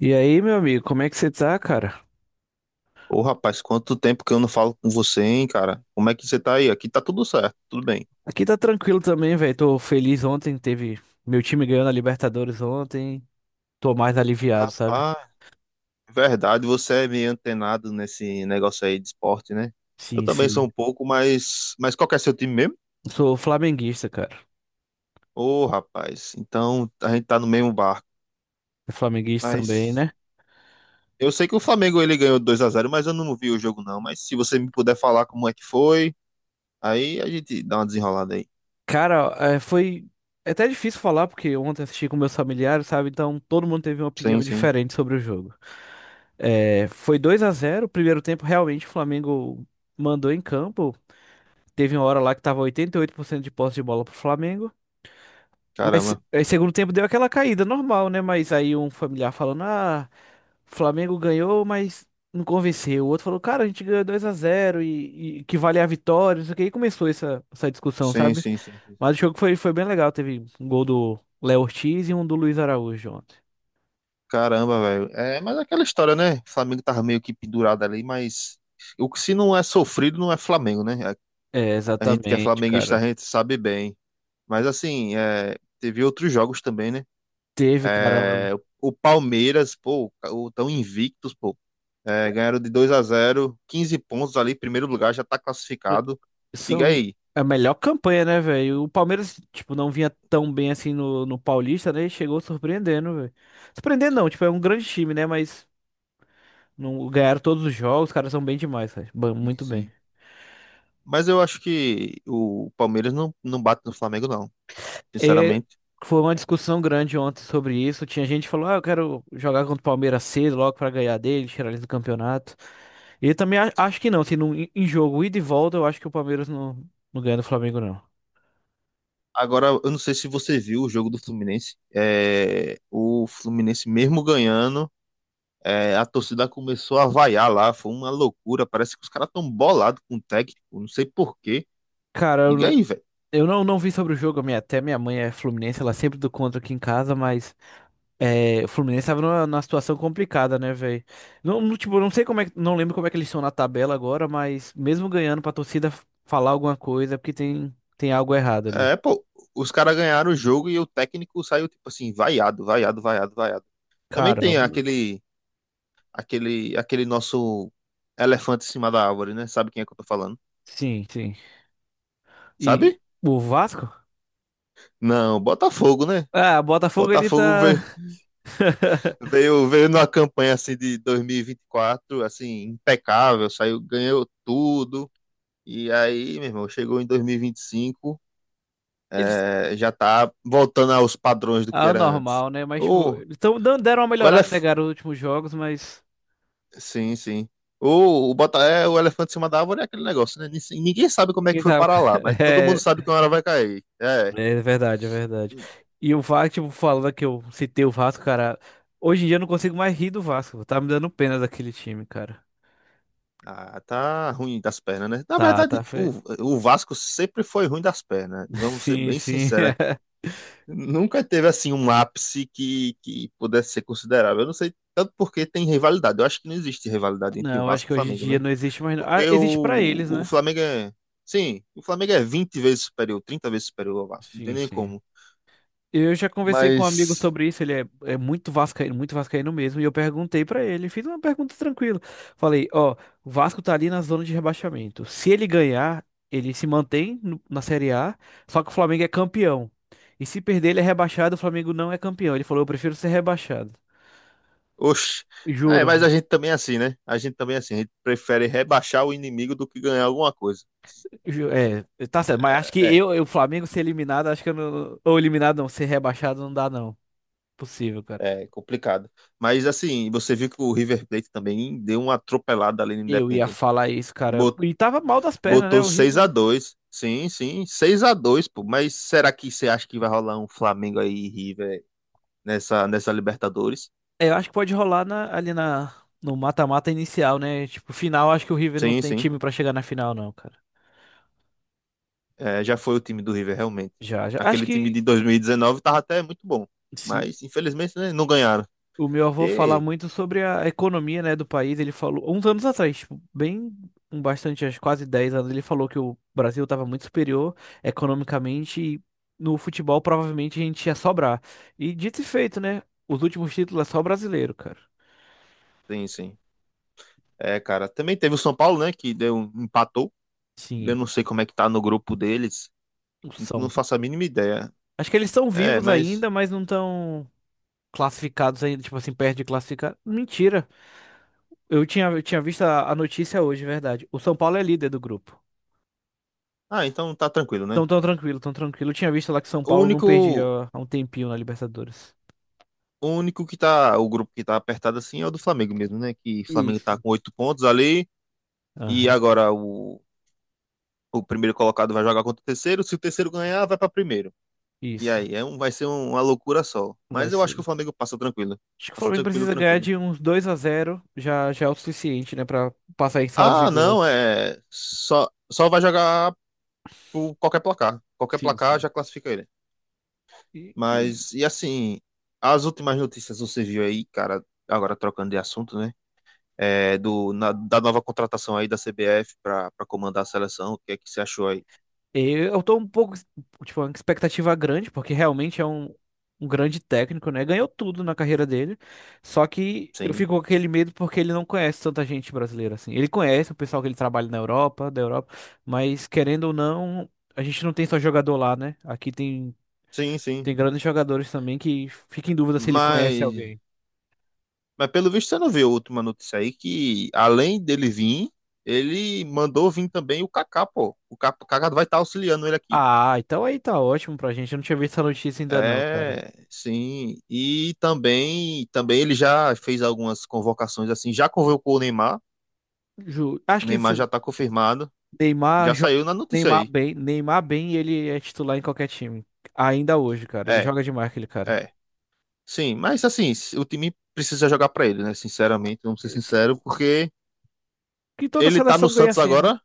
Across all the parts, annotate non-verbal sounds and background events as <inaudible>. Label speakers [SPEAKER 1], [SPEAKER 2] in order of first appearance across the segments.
[SPEAKER 1] E aí, meu amigo, como é que você tá, cara?
[SPEAKER 2] Ô, rapaz, quanto tempo que eu não falo com você, hein, cara? Como é que você tá aí? Aqui tá tudo certo, tudo bem.
[SPEAKER 1] Aqui tá tranquilo também, velho. Tô feliz. Ontem teve meu time ganhando a Libertadores ontem. Tô mais aliviado, sabe?
[SPEAKER 2] Rapaz, verdade, você é meio antenado nesse negócio aí de esporte, né? Eu
[SPEAKER 1] Sim,
[SPEAKER 2] também sou
[SPEAKER 1] sim.
[SPEAKER 2] um pouco, mas qual que é seu time mesmo?
[SPEAKER 1] Sou flamenguista, cara.
[SPEAKER 2] Ô, rapaz, então a gente tá no mesmo barco.
[SPEAKER 1] É flamenguista também,
[SPEAKER 2] Mas
[SPEAKER 1] né?
[SPEAKER 2] eu sei que o Flamengo ele ganhou 2-0, mas eu não vi o jogo não. Mas se você me puder falar como é que foi, aí a gente dá uma desenrolada aí.
[SPEAKER 1] Cara, é, foi é até difícil falar porque ontem assisti com meus familiares, sabe? Então todo mundo teve uma opinião
[SPEAKER 2] Sim, sim.
[SPEAKER 1] diferente sobre o jogo. É, foi 2-0. O primeiro tempo realmente o Flamengo mandou em campo. Teve uma hora lá que tava 88% de posse de bola pro Flamengo. Mas
[SPEAKER 2] Caramba.
[SPEAKER 1] aí segundo tempo deu aquela caída normal, né? Mas aí um familiar falando, ah, Flamengo ganhou, mas não convenceu. O outro falou, cara, a gente ganhou 2-0 e que vale a vitória, não sei o que. E começou essa discussão,
[SPEAKER 2] Sim,
[SPEAKER 1] sabe?
[SPEAKER 2] sim, sim, sim,
[SPEAKER 1] Mas
[SPEAKER 2] sim.
[SPEAKER 1] o jogo foi bem legal. Teve um gol do Léo Ortiz e um do Luiz Araújo ontem.
[SPEAKER 2] Caramba, velho. É, mas é aquela história, né? O Flamengo tava meio que pendurado ali, mas o que se não é sofrido não é Flamengo, né?
[SPEAKER 1] É,
[SPEAKER 2] A gente que é
[SPEAKER 1] exatamente,
[SPEAKER 2] flamenguista, a
[SPEAKER 1] cara.
[SPEAKER 2] gente sabe bem. Mas assim, é, teve outros jogos também, né?
[SPEAKER 1] Teve, cara.
[SPEAKER 2] É, o Palmeiras, pô, o tão invictos, pô. É, ganharam de 2-0, 15 pontos ali, primeiro lugar, já tá classificado. Diga
[SPEAKER 1] São
[SPEAKER 2] aí.
[SPEAKER 1] É a melhor campanha, né, velho? O Palmeiras, tipo, não vinha tão bem assim no Paulista, né? E chegou surpreendendo, velho. Surpreendendo não, tipo, é um grande time, né? Mas não, ganharam todos os jogos, os caras são bem demais, cara.
[SPEAKER 2] Sim,
[SPEAKER 1] Muito bem.
[SPEAKER 2] sim. Mas eu acho que o Palmeiras não, não bate no Flamengo, não.
[SPEAKER 1] E
[SPEAKER 2] Sinceramente.
[SPEAKER 1] foi uma discussão grande ontem sobre isso. Tinha gente que falou, ah, eu quero jogar contra o Palmeiras cedo, logo pra ganhar dele, tirar eles do campeonato. E eu também acho que não, assim, em jogo ida e volta, eu acho que o Palmeiras não ganha do Flamengo, não.
[SPEAKER 2] Agora, eu não sei se você viu o jogo do Fluminense. É, o Fluminense, mesmo ganhando, é, a torcida começou a vaiar lá. Foi uma loucura. Parece que os caras estão bolados com o técnico. Não sei por quê.
[SPEAKER 1] Cara,
[SPEAKER 2] Liga aí, velho.
[SPEAKER 1] eu não, não vi sobre o jogo, até minha mãe é fluminense, ela sempre do contra aqui em casa, mas é, o Fluminense tava numa situação complicada, né, velho? Não, não, tipo, não sei como é, não lembro como é que eles estão na tabela agora, mas mesmo ganhando pra torcida falar alguma coisa, é porque tem algo errado ali.
[SPEAKER 2] É, pô, os caras ganharam o jogo e o técnico saiu, tipo assim, vaiado, vaiado, vaiado, vaiado. Também
[SPEAKER 1] Cara,
[SPEAKER 2] tem aquele, aquele nosso elefante em cima da árvore, né? Sabe quem é que eu tô falando?
[SPEAKER 1] sim, sim. E
[SPEAKER 2] Sabe?
[SPEAKER 1] o Vasco?
[SPEAKER 2] Não, Botafogo, né?
[SPEAKER 1] Ah, o Botafogo ele
[SPEAKER 2] Botafogo.
[SPEAKER 1] tá. <laughs>
[SPEAKER 2] Veio numa campanha assim de 2024, assim, impecável, saiu, ganhou tudo. E aí, meu irmão, chegou em 2025,
[SPEAKER 1] Eles.
[SPEAKER 2] já tá voltando aos padrões do que
[SPEAKER 1] Ah,
[SPEAKER 2] era antes.
[SPEAKER 1] normal, né? Mas, tipo,
[SPEAKER 2] O,
[SPEAKER 1] eles tão, deram uma
[SPEAKER 2] o
[SPEAKER 1] melhorada, né,
[SPEAKER 2] elef...
[SPEAKER 1] cara, nos últimos jogos, mas
[SPEAKER 2] Sim, sim. O elefante em cima da árvore é aquele negócio, né? Ninguém sabe como é
[SPEAKER 1] ninguém
[SPEAKER 2] que foi
[SPEAKER 1] sabe.
[SPEAKER 2] parar lá, mas todo mundo
[SPEAKER 1] <laughs>
[SPEAKER 2] sabe que uma hora vai cair. É.
[SPEAKER 1] Né? É verdade, é verdade. E o Vasco, tipo, falando que eu citei o Vasco, cara, hoje em dia eu não consigo mais rir do Vasco. Tá me dando pena daquele time, cara.
[SPEAKER 2] Ah, tá ruim das pernas, né? Na
[SPEAKER 1] Tá, tá.
[SPEAKER 2] verdade, o, o Vasco sempre foi ruim das pernas.
[SPEAKER 1] <laughs>
[SPEAKER 2] Vamos ser
[SPEAKER 1] Sim,
[SPEAKER 2] bem
[SPEAKER 1] sim.
[SPEAKER 2] sinceros.
[SPEAKER 1] <laughs>
[SPEAKER 2] Nunca teve assim um ápice que pudesse ser considerável. Eu não sei tanto porque tem rivalidade. Eu acho que não existe rivalidade entre o
[SPEAKER 1] Não, acho
[SPEAKER 2] Vasco e
[SPEAKER 1] que
[SPEAKER 2] o
[SPEAKER 1] hoje em
[SPEAKER 2] Flamengo,
[SPEAKER 1] dia
[SPEAKER 2] né?
[SPEAKER 1] não existe mais, não. Ah,
[SPEAKER 2] Porque
[SPEAKER 1] existe pra
[SPEAKER 2] o,
[SPEAKER 1] eles,
[SPEAKER 2] o
[SPEAKER 1] né?
[SPEAKER 2] Flamengo é. Sim, o Flamengo é 20 vezes superior, 30 vezes superior ao Vasco. Não tem
[SPEAKER 1] Sim,
[SPEAKER 2] nem
[SPEAKER 1] sim.
[SPEAKER 2] como.
[SPEAKER 1] Eu já conversei com um amigo
[SPEAKER 2] Mas.
[SPEAKER 1] sobre isso, ele é muito vascaíno mesmo, e eu perguntei pra ele, fiz uma pergunta tranquila. Falei, ó, o Vasco tá ali na zona de rebaixamento. Se ele ganhar, ele se mantém na Série A, só que o Flamengo é campeão. E se perder, ele é rebaixado, o Flamengo não é campeão. Ele falou, eu prefiro ser rebaixado.
[SPEAKER 2] Oxe. É,
[SPEAKER 1] Juro.
[SPEAKER 2] mas a gente também é assim, né? A gente também é assim. A gente prefere rebaixar o inimigo do que ganhar alguma coisa.
[SPEAKER 1] É, tá certo, mas acho que
[SPEAKER 2] É,
[SPEAKER 1] o Flamengo ser eliminado, acho que eu não, ou eliminado não, ser rebaixado não dá não. Possível, cara.
[SPEAKER 2] é complicado. Mas assim, você viu que o River Plate também deu uma atropelada ali no
[SPEAKER 1] Eu ia
[SPEAKER 2] Independente.
[SPEAKER 1] falar isso, cara. E tava mal das pernas, né?
[SPEAKER 2] Botou seis
[SPEAKER 1] Horrível.
[SPEAKER 2] a dois Sim, sim, 6-2, pô. Mas será que você acha que vai rolar um Flamengo aí e River nessa Libertadores?
[SPEAKER 1] É, eu acho que pode rolar no mata-mata inicial, né? Tipo, final, acho que o River não
[SPEAKER 2] Sim,
[SPEAKER 1] tem
[SPEAKER 2] sim.
[SPEAKER 1] time pra chegar na final, não, cara.
[SPEAKER 2] É, já foi o time do River, realmente.
[SPEAKER 1] Já, já. Acho
[SPEAKER 2] Aquele time
[SPEAKER 1] que,
[SPEAKER 2] de 2019 tava até muito bom.
[SPEAKER 1] sim,
[SPEAKER 2] Mas, infelizmente, né, não ganharam.
[SPEAKER 1] o meu avô fala
[SPEAKER 2] E,
[SPEAKER 1] muito sobre a economia, né, do país. Ele falou, uns anos atrás, tipo, bem, um bastante, acho que quase 10 anos, ele falou que o Brasil estava muito superior economicamente e no futebol provavelmente a gente ia sobrar. E dito e feito, né? Os últimos títulos é só brasileiro, cara.
[SPEAKER 2] sim, sim. É, cara. Também teve o São Paulo, né? Que deu, empatou. Eu
[SPEAKER 1] Sim,
[SPEAKER 2] não sei como é que tá no grupo deles. Não
[SPEAKER 1] são.
[SPEAKER 2] faço a mínima ideia.
[SPEAKER 1] Acho que eles são
[SPEAKER 2] É,
[SPEAKER 1] vivos
[SPEAKER 2] mas.
[SPEAKER 1] ainda, mas não estão classificados ainda, tipo assim, perto de classificar. Mentira. Eu tinha visto a notícia hoje, é verdade. O São Paulo é líder do grupo.
[SPEAKER 2] Ah, então tá tranquilo, né?
[SPEAKER 1] Então, tão tranquilo, tão tranquilo. Eu tinha visto lá que São
[SPEAKER 2] O
[SPEAKER 1] Paulo não perdia
[SPEAKER 2] único,
[SPEAKER 1] há um tempinho na Libertadores.
[SPEAKER 2] o grupo que tá apertado assim é o do Flamengo mesmo, né? Que o Flamengo
[SPEAKER 1] Isso.
[SPEAKER 2] tá com oito pontos ali e
[SPEAKER 1] Aham.
[SPEAKER 2] agora o primeiro colocado vai jogar contra o terceiro. Se o terceiro ganhar, vai para primeiro. E
[SPEAKER 1] Isso.
[SPEAKER 2] aí vai ser uma loucura só.
[SPEAKER 1] Vai
[SPEAKER 2] Mas eu acho
[SPEAKER 1] ser.
[SPEAKER 2] que o Flamengo passa tranquilo.
[SPEAKER 1] Acho que o
[SPEAKER 2] Passa
[SPEAKER 1] Flamengo
[SPEAKER 2] tranquilo,
[SPEAKER 1] precisa ganhar
[SPEAKER 2] tranquilo.
[SPEAKER 1] de uns 2-0 já já é o suficiente, né, pra passar em saldo de
[SPEAKER 2] Ah,
[SPEAKER 1] gol.
[SPEAKER 2] não, é só vai jogar por qualquer placar. Qualquer
[SPEAKER 1] Sim,
[SPEAKER 2] placar
[SPEAKER 1] sim.
[SPEAKER 2] já classifica ele.
[SPEAKER 1] E, e
[SPEAKER 2] Mas e assim, as últimas notícias você viu aí, cara? Agora trocando de assunto, né? Da nova contratação aí da CBF para comandar a seleção. O que é que você achou aí?
[SPEAKER 1] eu tô um pouco, tipo, uma expectativa grande, porque realmente é um grande técnico, né? Ganhou tudo na carreira dele. Só que eu
[SPEAKER 2] Sim,
[SPEAKER 1] fico com aquele medo porque ele não conhece tanta gente brasileira, assim. Ele conhece o pessoal que ele trabalha na Europa, da Europa, mas querendo ou não, a gente não tem só jogador lá, né? Aqui tem,
[SPEAKER 2] sim, sim.
[SPEAKER 1] tem grandes jogadores também que fica em dúvida se ele conhece
[SPEAKER 2] Mas,
[SPEAKER 1] alguém.
[SPEAKER 2] mas pelo visto você não viu a última notícia aí que além dele vir, ele mandou vir também o Kaká, pô. O Kaká vai estar auxiliando ele aqui.
[SPEAKER 1] Ah, então aí tá ótimo pra gente. Eu não tinha visto essa notícia ainda não, cara.
[SPEAKER 2] É, sim. E também ele já fez algumas convocações assim, já convocou o Neymar.
[SPEAKER 1] Acho
[SPEAKER 2] O
[SPEAKER 1] que
[SPEAKER 2] Neymar já tá confirmado.
[SPEAKER 1] Neymar,
[SPEAKER 2] Já
[SPEAKER 1] jo-
[SPEAKER 2] saiu na notícia
[SPEAKER 1] Neymar
[SPEAKER 2] aí.
[SPEAKER 1] bem, Neymar bem, ele é titular em qualquer time. Ainda hoje, cara. Ele
[SPEAKER 2] É,
[SPEAKER 1] joga demais, aquele cara.
[SPEAKER 2] é. Sim, mas assim, o time precisa jogar pra ele, né? Sinceramente, vamos ser
[SPEAKER 1] Esse-
[SPEAKER 2] sinceros, porque
[SPEAKER 1] Que toda
[SPEAKER 2] ele tá no
[SPEAKER 1] seleção ganha
[SPEAKER 2] Santos
[SPEAKER 1] assim, né?
[SPEAKER 2] agora.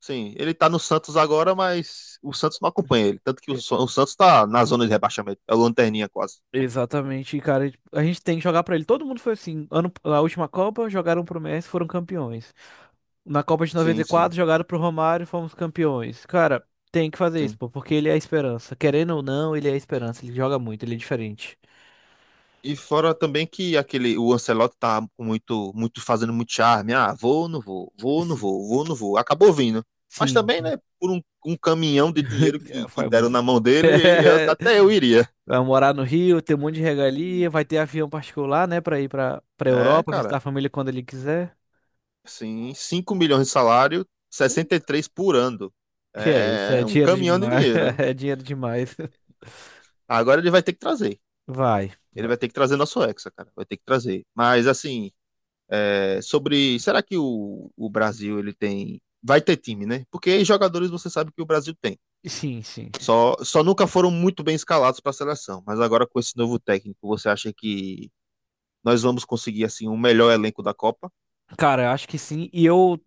[SPEAKER 2] Sim, ele tá no Santos agora, mas o Santos não acompanha ele. Tanto que o,
[SPEAKER 1] E-
[SPEAKER 2] Sa- o Santos tá na zona de rebaixamento. É o lanterninha quase.
[SPEAKER 1] Exatamente, e, cara. A gente tem que jogar pra ele. Todo mundo foi assim. Ano, na última Copa, jogaram pro Messi, foram campeões. Na Copa de
[SPEAKER 2] Sim, sim,
[SPEAKER 1] 94, jogaram pro Romário, fomos campeões. Cara, tem que fazer isso,
[SPEAKER 2] sim.
[SPEAKER 1] pô, porque ele é a esperança. Querendo ou não, ele é a esperança. Ele joga muito, ele é diferente.
[SPEAKER 2] E fora também que o Ancelotti tá com fazendo muito charme. Ah, vou, não vou, vou, não
[SPEAKER 1] Esse-
[SPEAKER 2] vou, vou, não vou. Acabou vindo. Mas
[SPEAKER 1] Sim.
[SPEAKER 2] também, né, por um caminhão de
[SPEAKER 1] <laughs>
[SPEAKER 2] dinheiro
[SPEAKER 1] É,
[SPEAKER 2] que
[SPEAKER 1] foi
[SPEAKER 2] deram
[SPEAKER 1] muito.
[SPEAKER 2] na mão dele, até eu iria.
[SPEAKER 1] <laughs> Vai morar no Rio, ter um monte de regalia, vai ter avião particular, né, pra ir pra
[SPEAKER 2] É,
[SPEAKER 1] Europa, visitar
[SPEAKER 2] cara.
[SPEAKER 1] a família quando ele quiser.
[SPEAKER 2] Sim, 5 milhões de salário, 63 por ano.
[SPEAKER 1] Que é isso? É
[SPEAKER 2] É um
[SPEAKER 1] dinheiro
[SPEAKER 2] caminhão de
[SPEAKER 1] demais. <laughs>
[SPEAKER 2] dinheiro.
[SPEAKER 1] É dinheiro demais.
[SPEAKER 2] Agora ele vai ter que trazer.
[SPEAKER 1] Vai,
[SPEAKER 2] Ele vai
[SPEAKER 1] vai.
[SPEAKER 2] ter que trazer nosso Hexa, cara. Vai ter que trazer. Mas, assim, é, sobre. Será que o Brasil ele tem. Vai ter time, né? Porque jogadores você sabe que o Brasil tem.
[SPEAKER 1] Sim, sim.
[SPEAKER 2] Só nunca foram muito bem escalados para a seleção. Mas agora com esse novo técnico, você acha que nós vamos conseguir, assim, um melhor elenco da Copa?
[SPEAKER 1] Cara, eu acho que sim. E eu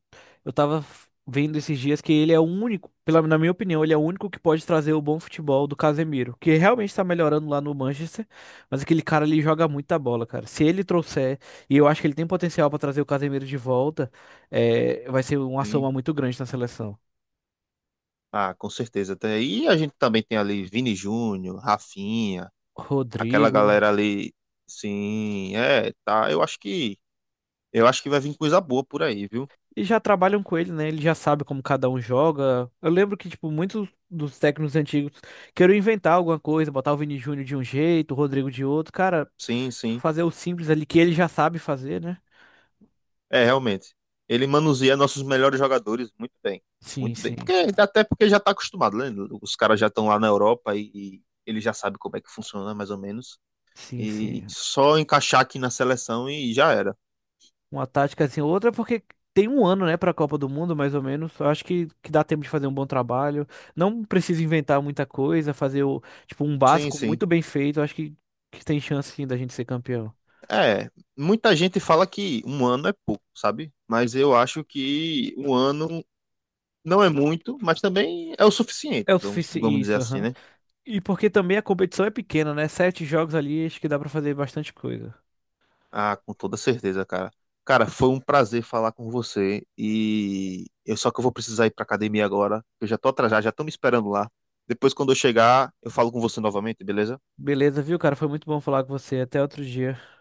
[SPEAKER 1] eu tava vendo esses dias que ele é o único, pela, na minha opinião, ele é o único que pode trazer o bom futebol do Casemiro, que realmente tá melhorando lá no Manchester, mas aquele cara ali joga muita bola, cara. Se ele trouxer, e eu acho que ele tem potencial pra trazer o Casemiro de volta, é, vai ser uma soma
[SPEAKER 2] Sim.
[SPEAKER 1] muito grande na seleção.
[SPEAKER 2] Ah, com certeza. E a gente também tem ali Vini Júnior, Rafinha, aquela
[SPEAKER 1] Rodrigo.
[SPEAKER 2] galera ali, sim, é, tá. Eu acho que vai vir coisa boa por aí, viu?
[SPEAKER 1] E já trabalham com ele, né? Ele já sabe como cada um joga. Eu lembro que, tipo, muitos dos técnicos antigos queriam inventar alguma coisa, botar o Vini Júnior de um jeito, o Rodrigo de outro. Cara,
[SPEAKER 2] Sim, sim.
[SPEAKER 1] fazer o simples ali que ele já sabe fazer, né?
[SPEAKER 2] É, realmente. Ele manuseia nossos melhores jogadores muito bem.
[SPEAKER 1] Sim,
[SPEAKER 2] Muito bem.
[SPEAKER 1] sim.
[SPEAKER 2] Até porque já tá acostumado, né? Os caras já estão lá na Europa e ele já sabe como é que funciona, mais ou menos.
[SPEAKER 1] Sim,
[SPEAKER 2] E
[SPEAKER 1] sim.
[SPEAKER 2] só encaixar aqui na seleção e já era.
[SPEAKER 1] Uma tática assim, outra porque tem um ano, né, pra Copa do Mundo, mais ou menos. Eu acho que dá tempo de fazer um bom trabalho. Não precisa inventar muita coisa, fazer o, tipo, um
[SPEAKER 2] Sim,
[SPEAKER 1] básico
[SPEAKER 2] sim.
[SPEAKER 1] muito bem feito. Eu acho que tem chance sim da gente ser campeão.
[SPEAKER 2] É, muita gente fala que um ano é pouco, sabe? Mas eu acho que um ano não é muito, mas também é o suficiente,
[SPEAKER 1] É o
[SPEAKER 2] vamos
[SPEAKER 1] suficiente
[SPEAKER 2] dizer
[SPEAKER 1] isso,
[SPEAKER 2] assim,
[SPEAKER 1] aham.
[SPEAKER 2] né?
[SPEAKER 1] E porque também a competição é pequena, né? Sete jogos ali, acho que dá pra fazer bastante coisa.
[SPEAKER 2] Ah, com toda certeza, cara. Cara, foi um prazer falar com você e eu só que eu vou precisar ir pra academia agora. Eu já tô atrasado, já estão me esperando lá. Depois, quando eu chegar, eu falo com você novamente, beleza?
[SPEAKER 1] Beleza, viu, cara? Foi muito bom falar com você. Até outro dia.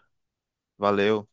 [SPEAKER 2] Valeu.